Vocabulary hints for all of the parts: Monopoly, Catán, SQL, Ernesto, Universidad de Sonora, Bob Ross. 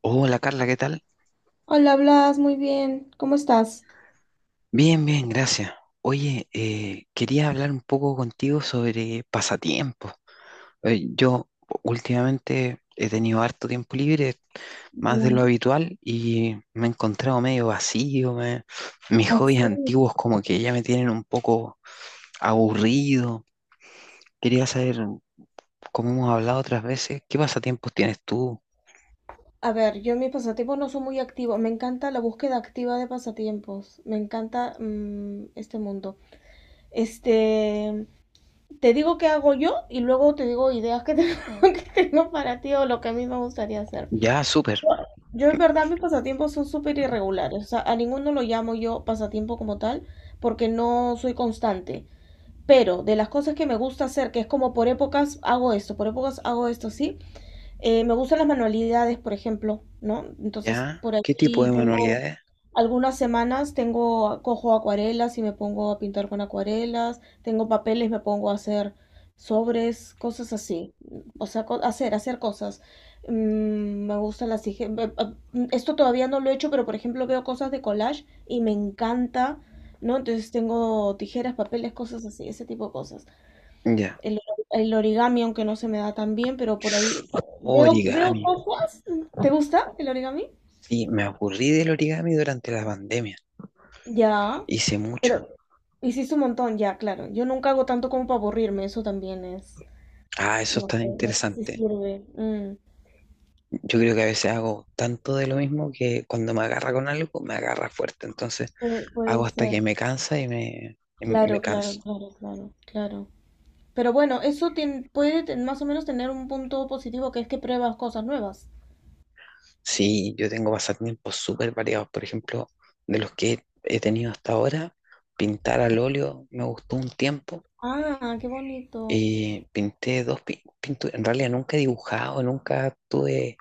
Hola Carla, ¿qué tal? Hola, Blas, muy bien. ¿Cómo estás? Bien, bien, gracias. Oye, quería hablar un poco contigo sobre pasatiempos. Yo últimamente he tenido harto tiempo libre, más de Bien, lo habitual, y me he encontrado medio vacío. Mis hobbies así. antiguos como que ya me tienen un poco aburrido. Quería saber, como hemos hablado otras veces, ¿qué pasatiempos tienes tú? A ver, yo en mis pasatiempos no soy muy activo. Me encanta la búsqueda activa de pasatiempos. Me encanta este mundo. Este, Te digo qué hago yo y luego te digo ideas que tengo, que tengo para ti o lo que a mí me gustaría hacer. Ya, súper. Yo en verdad mis pasatiempos son súper irregulares. O sea, a ninguno lo llamo yo pasatiempo como tal porque no soy constante. Pero de las cosas que me gusta hacer, que es como por épocas hago esto, por épocas hago esto, sí. Me gustan las manualidades, por ejemplo, ¿no? Entonces, Ya, por ¿qué tipo ahí de tengo manualidades? algunas semanas, tengo, cojo acuarelas y me pongo a pintar con acuarelas, tengo papeles, me pongo a hacer sobres, cosas así. O sea, hacer, hacer cosas. Me gusta las... Esto todavía no lo he hecho, pero por ejemplo veo cosas de collage y me encanta, ¿no? Entonces tengo tijeras, papeles, cosas así, ese tipo de cosas. Ya. El, el origami, aunque no se me da tan bien, pero por ahí Oh, veo origami. cosas. ¿Te gusta el origami? Sí, me aburrí del origami durante la pandemia. Ya, Hice mucho. pero hiciste un montón, ya, claro. Yo nunca hago tanto como para aburrirme, eso también es. Ah, eso No está sé, no sé si interesante. sirve. Yo creo que a veces hago tanto de lo mismo que cuando me agarra con algo, me agarra fuerte. Entonces Puede hago hasta ser. que me cansa y me Claro, claro, canso. claro, claro, claro. Pero bueno, eso más o menos tener un punto positivo que es que pruebas cosas nuevas. Sí, yo tengo pasatiempos súper variados. Por ejemplo, de los que he tenido hasta ahora, pintar al óleo me gustó un tiempo. Ah, qué bonito. Y pinté pinturas. En realidad nunca he dibujado, nunca tuve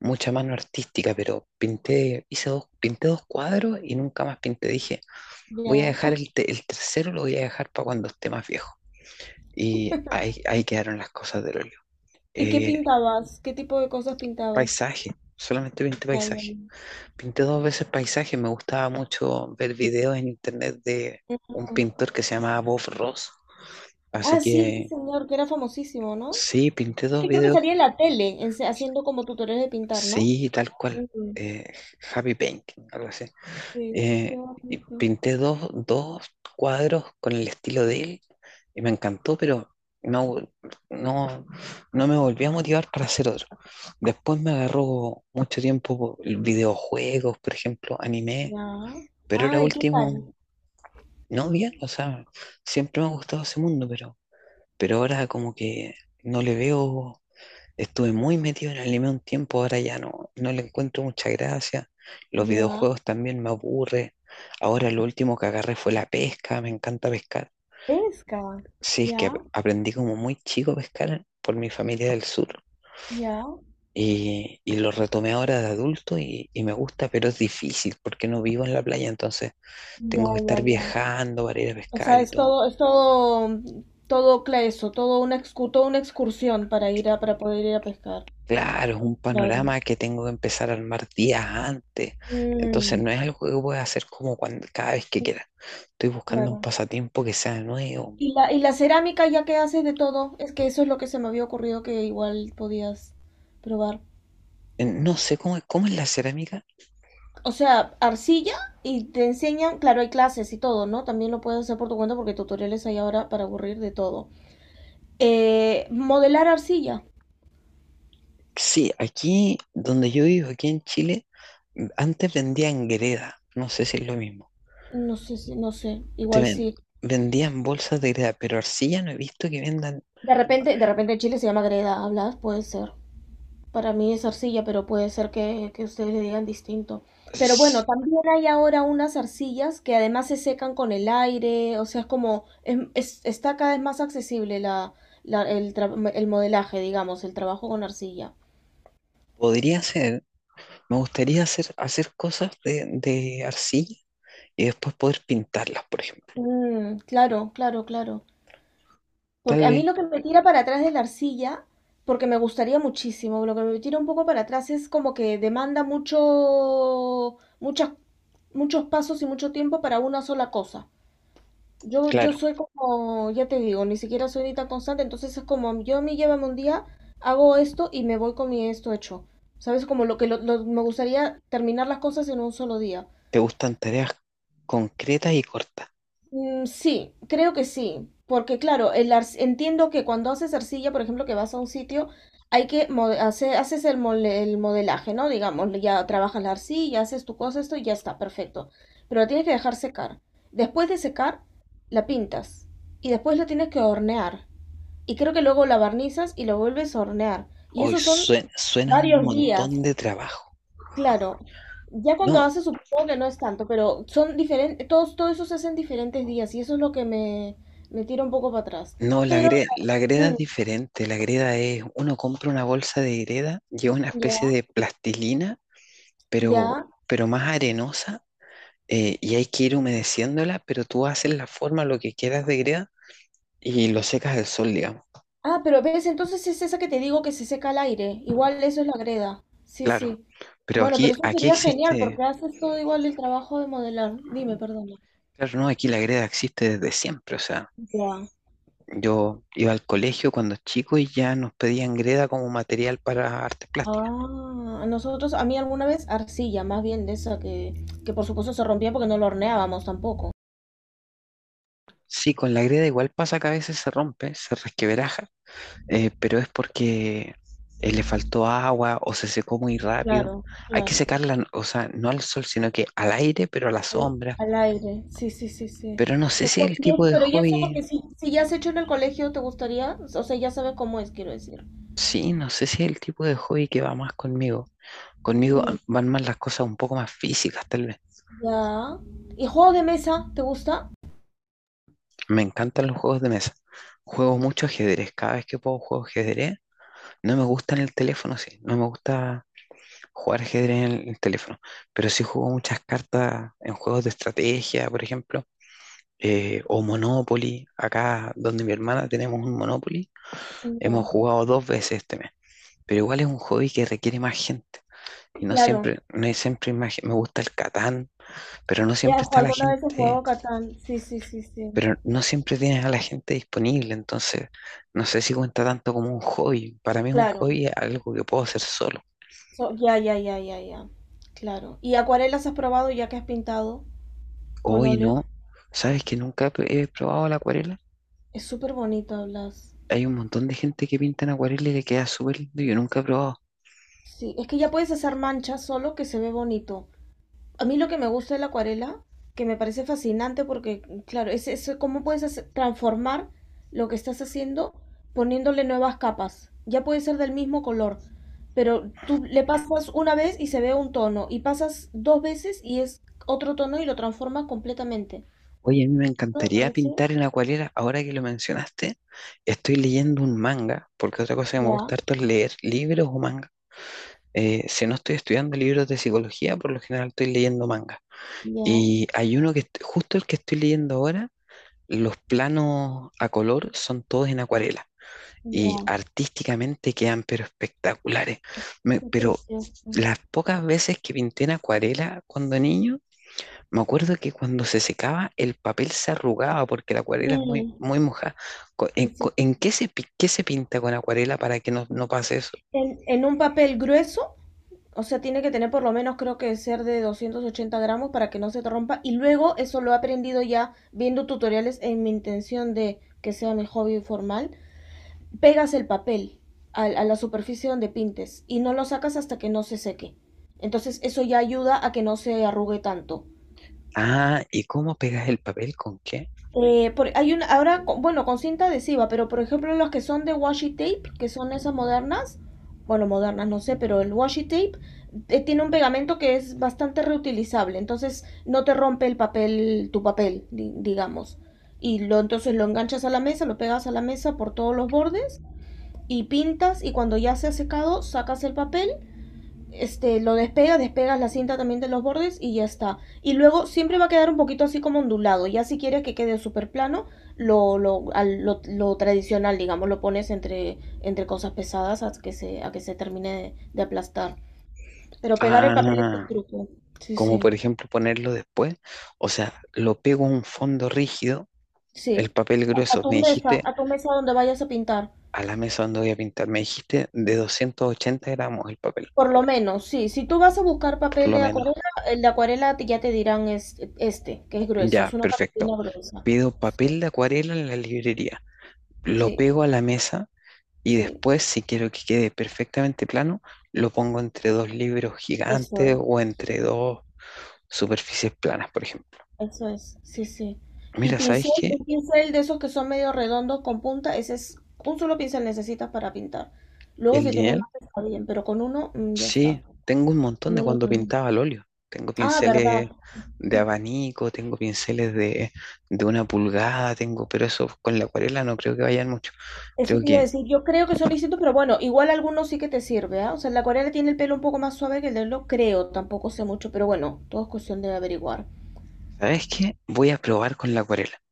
mucha mano artística, pero pinté, hice dos, pinté dos cuadros y nunca más pinté. Dije, Ya. voy a dejar el tercero, lo voy a dejar para cuando esté más viejo. Y ahí quedaron las cosas del óleo. ¿Y qué Eh, pintabas? ¿Qué tipo de cosas pintabas? paisaje, solamente pinté Ya, ya. paisaje. Pinté dos veces paisaje, me gustaba mucho ver videos en internet de Ya. un pintor que se llamaba Bob Ross. Así Ah, sí, ese que señor, que era famosísimo, ¿no? sí, pinté Es dos que creo que videos, salía en la tele, haciendo como tutoriales de pintar, ¿no? sí, tal cual. Mm. Eh, Happy Painting, algo así. Sí, qué Eh, y bonito. pinté dos cuadros con el estilo de él y me encantó, pero no, no, no me volví a motivar para hacer otro. Después me agarró mucho tiempo videojuegos, por ejemplo, anime, Ya. pero era Ay, ¿qué último, tal? no bien, o sea, siempre me ha gustado ese mundo, pero ahora como que no le veo. Estuve muy metido en el anime un tiempo, ahora ya no, no le encuentro mucha gracia. Los Ya. videojuegos también me aburre. Ahora lo último que agarré fue la pesca, me encanta pescar. Pesca. Sí, es que Ya, aprendí como muy chico a pescar por mi familia del sur ya, y lo retomé ahora de adulto y me gusta, pero es difícil porque no vivo en la playa, entonces ya, tengo que ya, estar ya. viajando para ir a O pescar sea, y todo. Es todo, todo eso, todo una toda una excursión para ir a, para poder ir a pescar. Claro, es un Claro. panorama que tengo que empezar a armar días antes. Entonces Mm, no es algo que pueda hacer cada vez que sí, quiera. Estoy buscando un claro. pasatiempo que sea nuevo. Y la cerámica, ya que haces de todo, es que eso es lo que se me había ocurrido que igual podías probar. No sé cómo, cómo es la cerámica. O sea, arcilla y te enseñan, claro, hay clases y todo, ¿no? También lo puedes hacer por tu cuenta porque tutoriales hay ahora para aburrir de todo. Modelar arcilla, Sí, aquí donde yo vivo, aquí en Chile, antes vendían greda. No sé si es lo mismo. no sé, no sé, Te igual ven- sí. vendían bolsas de greda, pero arcilla no he visto que vendan. De repente en Chile se llama greda, hablas, puede ser. Para mí es arcilla, pero puede ser que ustedes le digan distinto. Pero bueno, S- también hay ahora unas arcillas que además se secan con el aire, o sea, es como, está cada vez más accesible el modelaje, digamos, el trabajo con arcilla. Podría ser, me gustaría hacer, hacer cosas de arcilla y después poder pintarlas, por ejemplo. Claro, claro, claro. Porque Tal a mí vez lo que me tira para atrás de la arcilla, porque me gustaría muchísimo, lo que me tira un poco para atrás es como que demanda mucho, muchas, muchos pasos y mucho tiempo para una sola cosa. Yo claro, soy como, ya te digo, ni siquiera soy ni tan constante, entonces es como, yo me llévame un día, hago esto y me voy con mi esto hecho. ¿Sabes? Como lo que me gustaría terminar las cosas en un solo día. te gustan tareas concretas y cortas. Sí, creo que sí, porque claro, entiendo que cuando haces arcilla, por ejemplo, que vas a un sitio, hay que haces el modelaje, ¿no? Digamos, ya trabajas la arcilla, haces tu cosa, esto y ya está, perfecto. Pero la tienes que dejar secar. Después de secar, la pintas y después la tienes que hornear. Y creo que luego la barnizas y lo vuelves a hornear. Y Hoy eso son suena, suena un varios días, montón de trabajo. claro. Ya cuando No, haces supongo que no es tanto, pero son diferentes, todos, todo eso se hace en diferentes días y eso es lo que me tira un poco para atrás. no, la, Pero, la greda es mm, diferente. La greda es, uno compra una bolsa de greda, lleva una especie ya, de plastilina, pero, ya. pero más arenosa, y hay que ir humedeciéndola, pero tú haces la forma, lo que quieras de greda, y lo secas al sol, digamos. Ah, pero ves, entonces es esa que te digo que se seca al aire. Igual eso es la greda. Sí, Claro, sí. pero Bueno, aquí, pero eso aquí sería genial existe, porque haces todo igual el trabajo de modelar. Dime, perdona. claro, no, aquí la greda existe desde siempre, o sea. Ya. Yo iba al colegio cuando chico y ya nos pedían greda como material para artes plásticas. Ah, nosotros, a mí alguna vez arcilla, más bien de esa que por supuesto se rompía porque no lo horneábamos tampoco. Sí, con la greda igual pasa que a veces se rompe, se resquebraja, pero es porque le faltó agua o se secó muy rápido. Claro, Hay que claro. secarla, o sea, no al sol, sino que al aire, pero a la Al, sombra. al aire, sí, sí, sí, sí. Pero no sé Pero, si es el tipo de pero y eso hobby, porque si, si ya has hecho en el colegio, ¿te gustaría? O sea, ya sabes cómo es, quiero decir. sí, no sé si es el tipo de hobby que va más conmigo. Conmigo ah, Mm, van más las cosas un poco más físicas, tal vez. ya. ¿Y juego de mesa? ¿Te gusta? Me encantan los juegos de mesa. Juego mucho ajedrez. Cada vez que puedo juego ajedrez. No me gusta en el teléfono, sí. No me gusta jugar ajedrez en el teléfono. Pero sí juego muchas cartas en juegos de estrategia, por ejemplo. O Monopoly. Acá donde mi hermana tenemos un Monopoly. Hemos No, jugado dos veces este mes. Pero igual es un hobby que requiere más gente. Y no claro. siempre, no es siempre hay más me gusta el Catán, pero no Ya, siempre está la alguna vez he gente, jugado Catán. Sí, sí, sí, sí. pero no siempre tienes a la gente disponible, entonces no sé si cuenta tanto como un hobby. Para mí es un Claro. hobby algo que puedo hacer solo. Ya, ya, ya, ya, ya. Claro. ¿Y acuarelas has probado ya que has pintado? Con Hoy óleo. no, ¿sabes que nunca he probado la acuarela? Es súper bonito, Blas. Hay un montón de gente que pinta en acuarela y le queda súper lindo, yo nunca he probado. Sí, es que ya puedes hacer manchas solo que se ve bonito. A mí lo que me gusta de la acuarela, que me parece fascinante porque, claro, es cómo puedes transformar lo que estás haciendo poniéndole nuevas capas. Ya puede ser del mismo color, pero tú le pasas una vez y se ve un tono, y pasas dos veces y es otro tono y lo transformas completamente. Oye, a mí me Esto me encantaría parece, pintar en acuarela, ahora que lo mencionaste, estoy leyendo un manga, porque otra cosa que me ya, gusta harto es leer libros o manga. Si no estoy estudiando libros de psicología, por lo general estoy leyendo manga. ya, Y hay uno que justo el que estoy leyendo ahora. Los planos a color son todos en acuarela y ya, artísticamente quedan pero espectaculares. Esto es Pero precioso. las pocas veces que pinté en acuarela cuando niño, me acuerdo que cuando se secaba el papel se arrugaba porque la acuarela es Mm, muy mojada. ¿En, sí, sí. En qué qué se pinta con acuarela para que no pase eso? En un papel grueso, o sea, tiene que tener por lo menos creo que ser de 280 gramos para que no se te rompa. Y luego eso lo he aprendido ya viendo tutoriales en mi intención de que sea mi hobby formal. Pegas el papel a la superficie donde pintes y no lo sacas hasta que no se seque. Entonces eso ya ayuda a que no se arrugue tanto. Ah, ¿y cómo pegas el papel? ¿Con qué? Hay una, ahora, bueno, con cinta adhesiva, pero por ejemplo las que son de washi tape, que son esas modernas, bueno, modernas no sé, pero el washi tape tiene un pegamento que es bastante reutilizable, entonces no te rompe el papel, tu papel, digamos. Entonces lo enganchas a la mesa, lo pegas a la mesa por todos los bordes y pintas y cuando ya se ha secado, sacas el papel este, lo despegas, despegas la cinta también de los bordes y ya está. Y luego siempre va a quedar un poquito así como ondulado. Ya si quieres que quede súper plano, lo tradicional, digamos, lo pones entre, entre cosas pesadas a que se termine de aplastar. Pero pegar el papel es el Ah, truco. Sí, como sí. por ejemplo ponerlo después. O sea, lo pego a un fondo rígido. El Sí. papel grueso, me dijiste, A tu mesa donde vayas a pintar. a la mesa donde voy a pintar, me dijiste de 280 gramos el papel, Por lo menos, sí. Si tú vas a buscar por papel lo de acuarela, menos. el de acuarela ya te dirán es, este, que es grueso, Ya, es una perfecto. cartulina gruesa. Pido Sí, papel de acuarela en la librería, lo sí, pego a la mesa y sí. después, si quiero que quede perfectamente plano, lo pongo entre dos libros Eso gigantes es, o entre dos superficies planas, por ejemplo. eso es, sí, sí. Y Mira, ¿sabes pincel, qué? un pincel de esos que son medio redondos con punta, ese es un solo pincel necesitas para pintar. Luego El si tienes lineal más está bien, pero con uno ya está. sí, tengo un montón Con de uno, cuando bueno. pintaba al óleo. Tengo Ah, verdad. pinceles de abanico, tengo pinceles de una pulgada, tengo, pero eso con la acuarela no creo que vayan mucho. Eso Creo te iba a que, decir, yo creo que son distintos, pero bueno, igual algunos sí que te sirve, ¿ah? O sea, la acuarela tiene el pelo un poco más suave que el de lo creo, tampoco sé mucho, pero bueno, todo es cuestión de averiguar. ¿sabes qué? Voy a probar con la acuarela.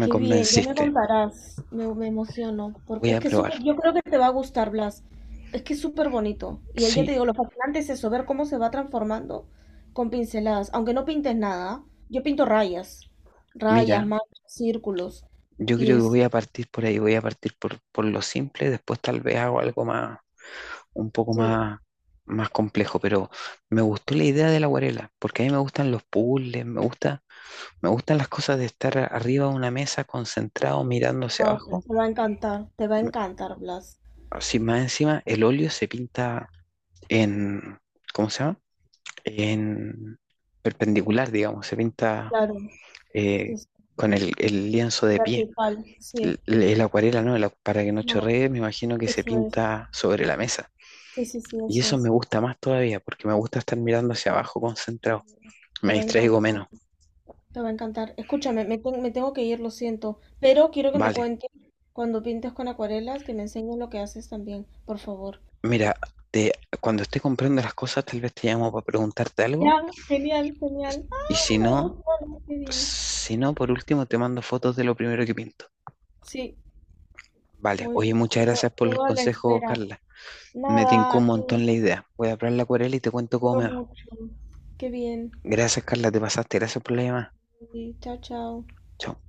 Me bien, ya me convenciste. contarás. Me emociono. Voy Porque es a que es probar. súper, yo creo que te va a gustar, Blas. Es que es súper bonito. Y ahí ya te Sí, digo, lo fascinante es eso, ver cómo se va transformando con pinceladas. Aunque no pintes nada, yo pinto rayas. Rayas, mira, manchas, círculos. yo Y creo que es, voy a partir por ahí, voy a partir por lo simple, después tal vez hago algo más, un poco sí, más, más complejo, pero me gustó la idea de la acuarela, porque a mí me gustan los puzzles, me gusta. Me gustan las cosas de estar arriba de una mesa concentrado mirando hacia va- abajo. te va a encantar, te va a encantar, Blas. Así más encima, el óleo se pinta en, ¿cómo se llama? En perpendicular, digamos, se pinta Claro, sí, eh, sí, con el lienzo de pie. vertical, sí. El acuarela, ¿no? Para que no No, chorree, me imagino que se eso es. pinta sobre la mesa. Sí, sí, sí, Y eso eso me es. gusta más todavía, porque me gusta estar mirando hacia abajo concentrado. Te Me va a distraigo encantar. menos. Te va a encantar. Escúchame, me tengo que ir, lo siento, pero quiero que me Vale. cuentes cuando pintes con acuarelas, que me enseñes lo que haces también, por favor. Mira, te- cuando esté comprando las cosas, tal vez te llamo para preguntarte algo. Ya, genial, genial. Y si Ah, no, emociono, qué bien. si no, por último te mando fotos de lo primero que pinto. Sí, Vale, muy oye, bien. muchas Quedo, gracias por el quedo a la consejo, espera. Carla. Me Nada, tincó a un ti, montón la idea. Voy a probar la acuarela y te te cuento cómo quiero me va. mucho. Qué bien. Gracias, Carla, te pasaste. Gracias por la llamada. Sí, chao, chao. Chao.